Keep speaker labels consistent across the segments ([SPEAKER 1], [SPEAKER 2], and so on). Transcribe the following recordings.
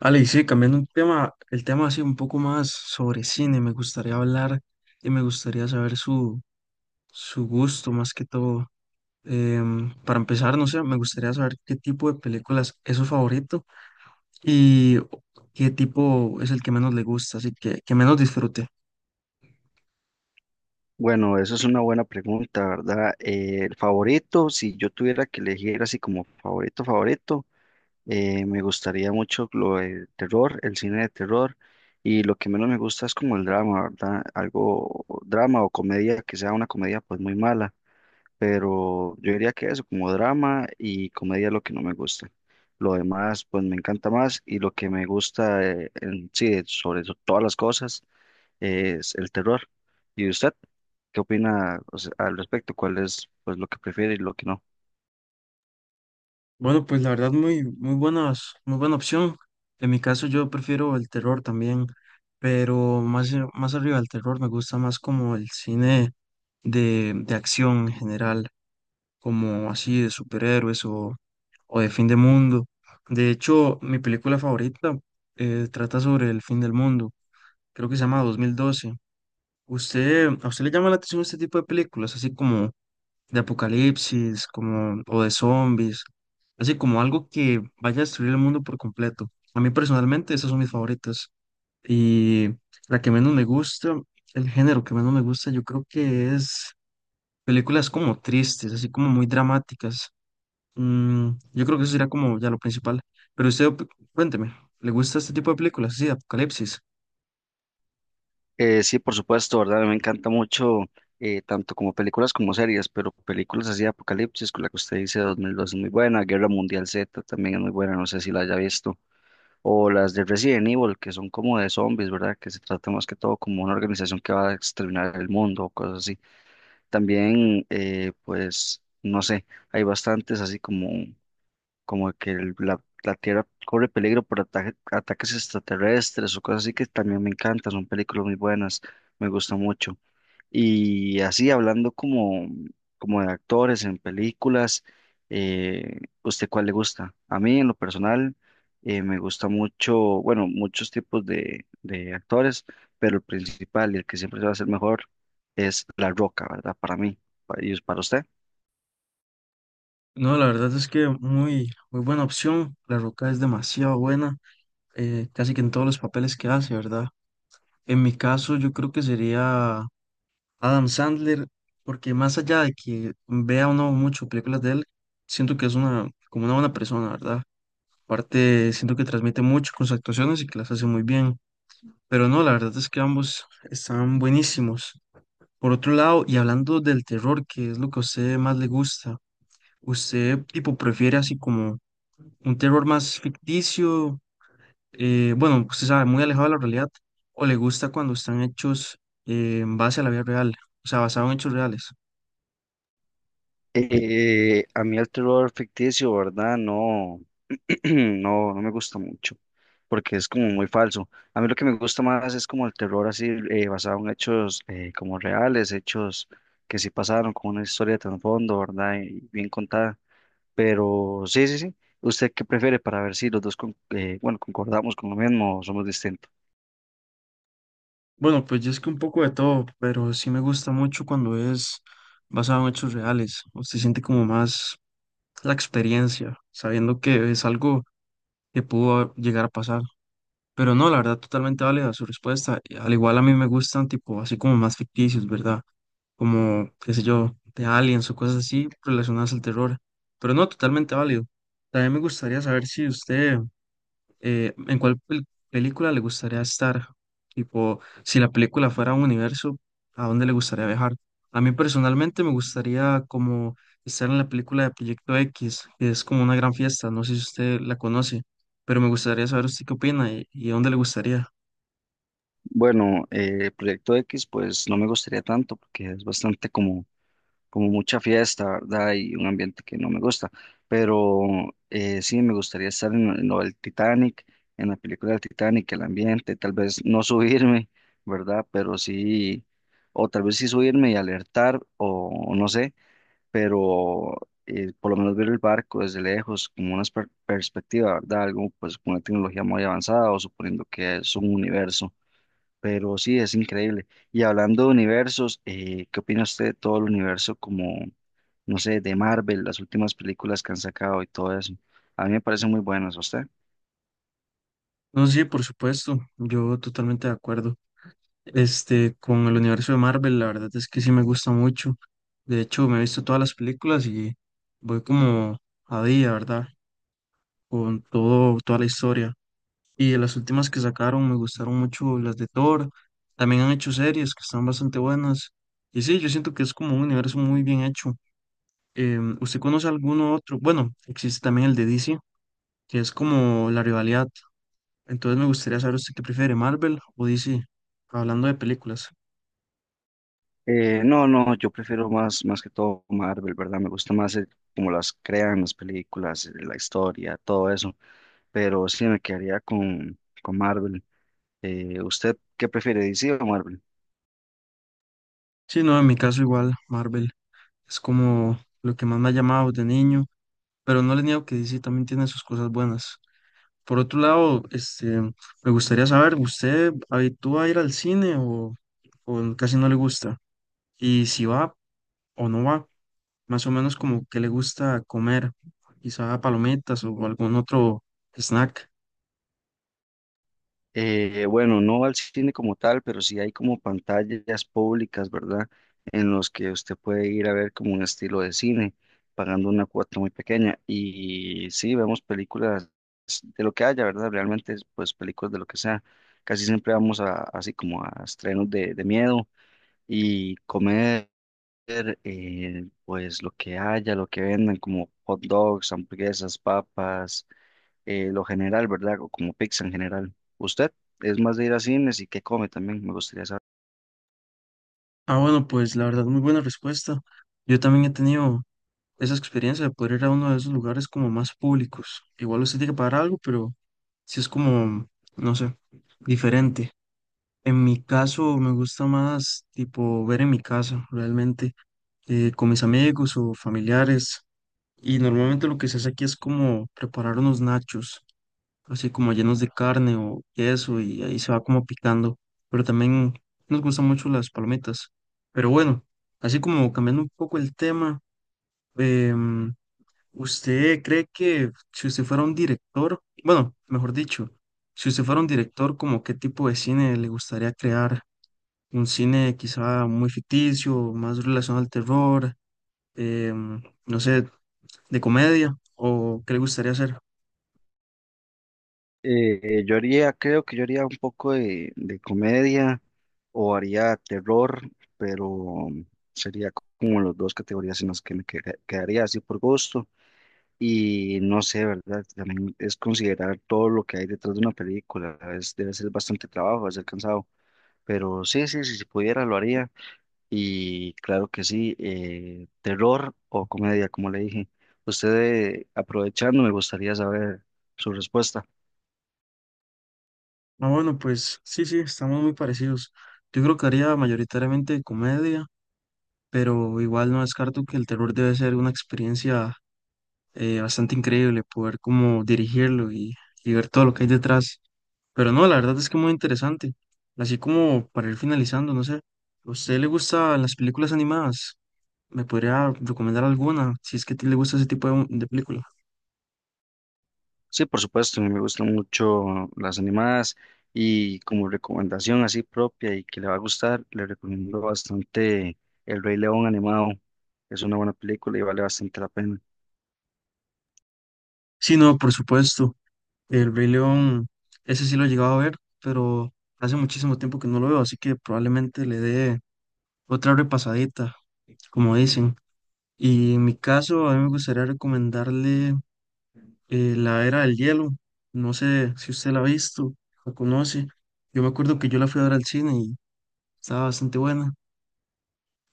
[SPEAKER 1] Ale, y sí, cambiando un tema, el tema así un poco más sobre cine, me gustaría hablar y me gustaría saber su, su gusto más que todo. Para empezar, no sé, me gustaría saber qué tipo de películas es su favorito y qué tipo es el que menos le gusta, así que menos disfrute.
[SPEAKER 2] Bueno, eso es una buena pregunta, ¿verdad? El favorito, si yo tuviera que elegir así como favorito, me gustaría mucho lo de terror, el cine de terror, y lo que menos me gusta es como el drama, ¿verdad? Algo drama o comedia, que sea una comedia pues muy mala, pero yo diría que eso, como drama y comedia es lo que no me gusta. Lo demás pues me encanta más y lo que me gusta en sí, sobre todas las cosas es el terror. ¿Y usted qué opina, o sea, al respecto? ¿Cuál es pues lo que prefiere y lo que no?
[SPEAKER 1] Bueno, pues la verdad muy, muy buenas, muy buena opción. En mi caso yo prefiero el terror también, pero más, más arriba del terror me gusta más como el cine de acción en general, como así de superhéroes o de fin de mundo. De hecho, mi película favorita trata sobre el fin del mundo, creo que se llama 2012. ¿Usted, a usted le llama la atención este tipo de películas, así como de apocalipsis, como, o de zombies, así como algo que vaya a destruir el mundo por completo? A mí personalmente esas son mis favoritas. Y la que menos me gusta, el género que menos me gusta, yo creo que es películas como tristes, así como muy dramáticas. Yo creo que eso sería como ya lo principal. Pero usted, cuénteme, ¿le gusta este tipo de películas así de apocalipsis?
[SPEAKER 2] Sí, por supuesto, ¿verdad? Me encanta mucho tanto como películas como series, pero películas así de Apocalipsis, con la que usted dice 2002 es muy buena, Guerra Mundial Z también es muy buena, no sé si la haya visto, o las de Resident Evil, que son como de zombies, ¿verdad? Que se trata más que todo como una organización que va a exterminar el mundo o cosas así. También, pues, no sé, hay bastantes así como la Tierra corre peligro por ataques extraterrestres o cosas así que también me encantan, son películas muy buenas, me gusta mucho. Y así como de actores en películas, ¿usted cuál le gusta? A mí en lo personal me gusta mucho, bueno, muchos tipos de actores, pero el principal y el que siempre se va a hacer mejor es La Roca, ¿verdad? Para mí, para, y para usted.
[SPEAKER 1] No, la verdad es que muy, muy buena opción. La Roca es demasiado buena, casi que en todos los papeles que hace, ¿verdad? En mi caso, yo creo que sería Adam Sandler, porque más allá de que vea uno mucho películas de él, siento que es una, como una buena persona, ¿verdad? Aparte, siento que transmite mucho con sus actuaciones y que las hace muy bien. Pero no, la verdad es que ambos están buenísimos. Por otro lado, y hablando del terror, que es lo que a usted más le gusta, ¿usted tipo prefiere así como un terror más ficticio? Bueno, usted sabe, muy alejado de la realidad, o le gusta cuando están hechos en base a la vida real, o sea, basado en hechos reales.
[SPEAKER 2] A mí el terror ficticio, ¿verdad? No, no, no me gusta mucho, porque es como muy falso. A mí lo que me gusta más es como el terror así, basado en hechos como reales, hechos que sí pasaron, con una historia de trasfondo, ¿verdad? Y bien contada. Pero sí, sí, sí. ¿Usted qué prefiere para ver si los dos, bueno, concordamos con lo mismo o somos distintos?
[SPEAKER 1] Bueno, pues yo es que un poco de todo, pero sí me gusta mucho cuando es basado en hechos reales. Usted siente como más la experiencia, sabiendo que es algo que pudo llegar a pasar. Pero no, la verdad, totalmente válida su respuesta. Al igual a mí me gustan, tipo, así como más ficticios, ¿verdad? Como, qué sé yo, de aliens o cosas así relacionadas al terror. Pero no, totalmente válido. También me gustaría saber si usted ¿en cuál película le gustaría estar? Tipo, si la película fuera un universo, ¿a dónde le gustaría viajar? A mí personalmente me gustaría como estar en la película de Proyecto X, que es como una gran fiesta, no sé si usted la conoce, pero me gustaría saber usted qué opina y a dónde le gustaría.
[SPEAKER 2] Bueno, Proyecto X, pues no me gustaría tanto, porque es bastante como mucha fiesta, ¿verdad? Y un ambiente que no me gusta. Pero sí, me gustaría estar en lo del Titanic, en la película del Titanic, el ambiente, tal vez no subirme, ¿verdad? Pero sí, o tal vez sí subirme y alertar, o no sé, pero por lo menos ver el barco desde lejos, como una perspectiva, ¿verdad? Algo pues con una tecnología muy avanzada o suponiendo que es un universo. Pero sí, es increíble. Y hablando de universos, ¿qué opina usted de todo el universo como no sé, de Marvel, las últimas películas que han sacado y todo eso? A mí me parecen muy buenas, ¿a usted?
[SPEAKER 1] No, sí, por supuesto, yo totalmente de acuerdo. Este, con el universo de Marvel, la verdad es que sí me gusta mucho. De hecho, me he visto todas las películas y voy como a día, ¿verdad? Con todo, toda la historia. Y de las últimas que sacaron me gustaron mucho las de Thor. También han hecho series que están bastante buenas. Y sí, yo siento que es como un universo muy bien hecho. ¿Usted conoce alguno otro? Bueno, existe también el de DC, que es como la rivalidad. Entonces me gustaría saber usted qué prefiere, Marvel o DC, hablando de películas.
[SPEAKER 2] No, yo prefiero más, más que todo Marvel, ¿verdad? Me gusta más cómo las crean las películas, la historia, todo eso. Pero sí me quedaría con Marvel. ¿Usted qué prefiere, DC o Marvel?
[SPEAKER 1] Sí, no, en mi caso igual, Marvel es como lo que más me ha llamado de niño, pero no le niego que DC también tiene sus cosas buenas. Por otro lado, este, me gustaría saber, ¿usted habitúa a ir al cine o casi no le gusta? Y si va o no va, más o menos como que le gusta comer, quizá palomitas o algún otro snack.
[SPEAKER 2] Bueno, no al cine como tal, pero sí hay como pantallas públicas, ¿verdad? En los que usted puede ir a ver como un estilo de cine, pagando una cuota muy pequeña. Y sí, vemos películas de lo que haya, ¿verdad? Realmente, pues películas de lo que sea. Casi siempre vamos a, así como a estrenos de miedo y comer, pues lo que haya, lo que vendan, como hot dogs, hamburguesas, papas lo general, ¿verdad? O como pizza en general. ¿Usted es más de ir a cines y qué come también? Me gustaría saber.
[SPEAKER 1] Ah, bueno, pues la verdad, muy buena respuesta. Yo también he tenido esa experiencia de poder ir a uno de esos lugares como más públicos. Igual usted tiene que pagar algo, pero sí es como, no sé, diferente. En mi caso, me gusta más tipo ver en mi casa, realmente con mis amigos o familiares. Y normalmente lo que se hace aquí es como preparar unos nachos, así como llenos de carne o queso, y ahí se va como picando. Pero también nos gustan mucho las palomitas. Pero bueno, así como cambiando un poco el tema, em, ¿usted cree que si usted fuera un director, bueno, mejor dicho, si usted fuera un director, como qué tipo de cine le gustaría crear? ¿Un cine quizá muy ficticio, más relacionado al terror? No sé, de comedia o qué le gustaría hacer.
[SPEAKER 2] Creo que yo haría un poco de comedia o haría terror, pero sería como las dos categorías en las que me quedaría así por gusto. Y no sé, ¿verdad? También es considerar todo lo que hay detrás de una película. Es, debe ser bastante trabajo, debe ser cansado. Pero sí, sí, sí, si pudiera lo haría. Y claro que sí, terror o comedia, como le dije. Usted, aprovechando, me gustaría saber su respuesta.
[SPEAKER 1] Ah, bueno, pues sí, sí, estamos muy parecidos. Yo creo que haría mayoritariamente comedia, pero igual no descarto que el terror debe ser una experiencia bastante increíble, poder como dirigirlo y ver todo lo que hay detrás. Pero no, la verdad es que muy interesante. Así como para ir finalizando, no sé, ¿a usted le gustan las películas animadas? ¿Me podría recomendar alguna, si es que a ti le gusta ese tipo de película?
[SPEAKER 2] Sí, por supuesto, me gustan mucho las animadas y como recomendación así propia y que le va a gustar, le recomiendo bastante El Rey León animado. Es una buena película y vale bastante la pena.
[SPEAKER 1] Sí, no, por supuesto. El Rey León, ese sí lo he llegado a ver, pero hace muchísimo tiempo que no lo veo, así que probablemente le dé otra repasadita, como dicen. Y en mi caso, a mí me gustaría recomendarle La Era del Hielo. No sé si usted la ha visto, la conoce. Yo me acuerdo que yo la fui a ver al cine y estaba bastante buena.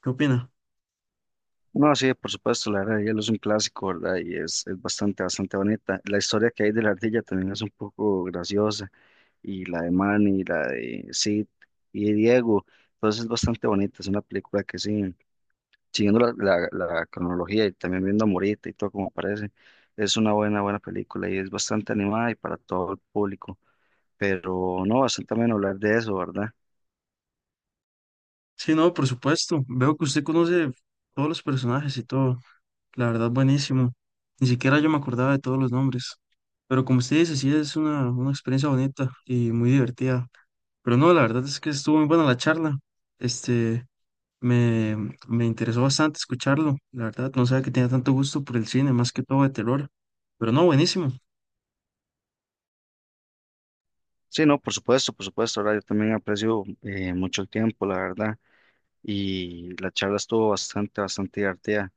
[SPEAKER 1] ¿Qué opina?
[SPEAKER 2] No, sí, por supuesto, la Era de Hielo es un clásico, ¿verdad? Y es bastante, bastante bonita. La historia que hay de la ardilla también es un poco graciosa y la de Manny, y la de Sid y de Diego. Entonces es bastante bonita, es una película que sí, siguiendo la cronología y también viendo a Morita y todo como parece, es una buena, buena película y es bastante animada y para todo el público. Pero no, bastante también hablar de eso, ¿verdad?
[SPEAKER 1] Sí, no, por supuesto. Veo que usted conoce todos los personajes y todo. La verdad, buenísimo. Ni siquiera yo me acordaba de todos los nombres. Pero como usted dice, sí es una experiencia bonita y muy divertida. Pero no, la verdad es que estuvo muy buena la charla. Este, me, me interesó bastante escucharlo. La verdad, no sabía que tenía tanto gusto por el cine, más que todo de terror. Pero no, buenísimo.
[SPEAKER 2] Sí, no, por supuesto, ahora yo también aprecio mucho el tiempo, la verdad, y la charla estuvo bastante, bastante divertida,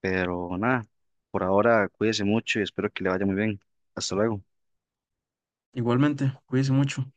[SPEAKER 2] pero nada, por ahora cuídese mucho y espero que le vaya muy bien. Hasta luego.
[SPEAKER 1] Igualmente, cuídese mucho.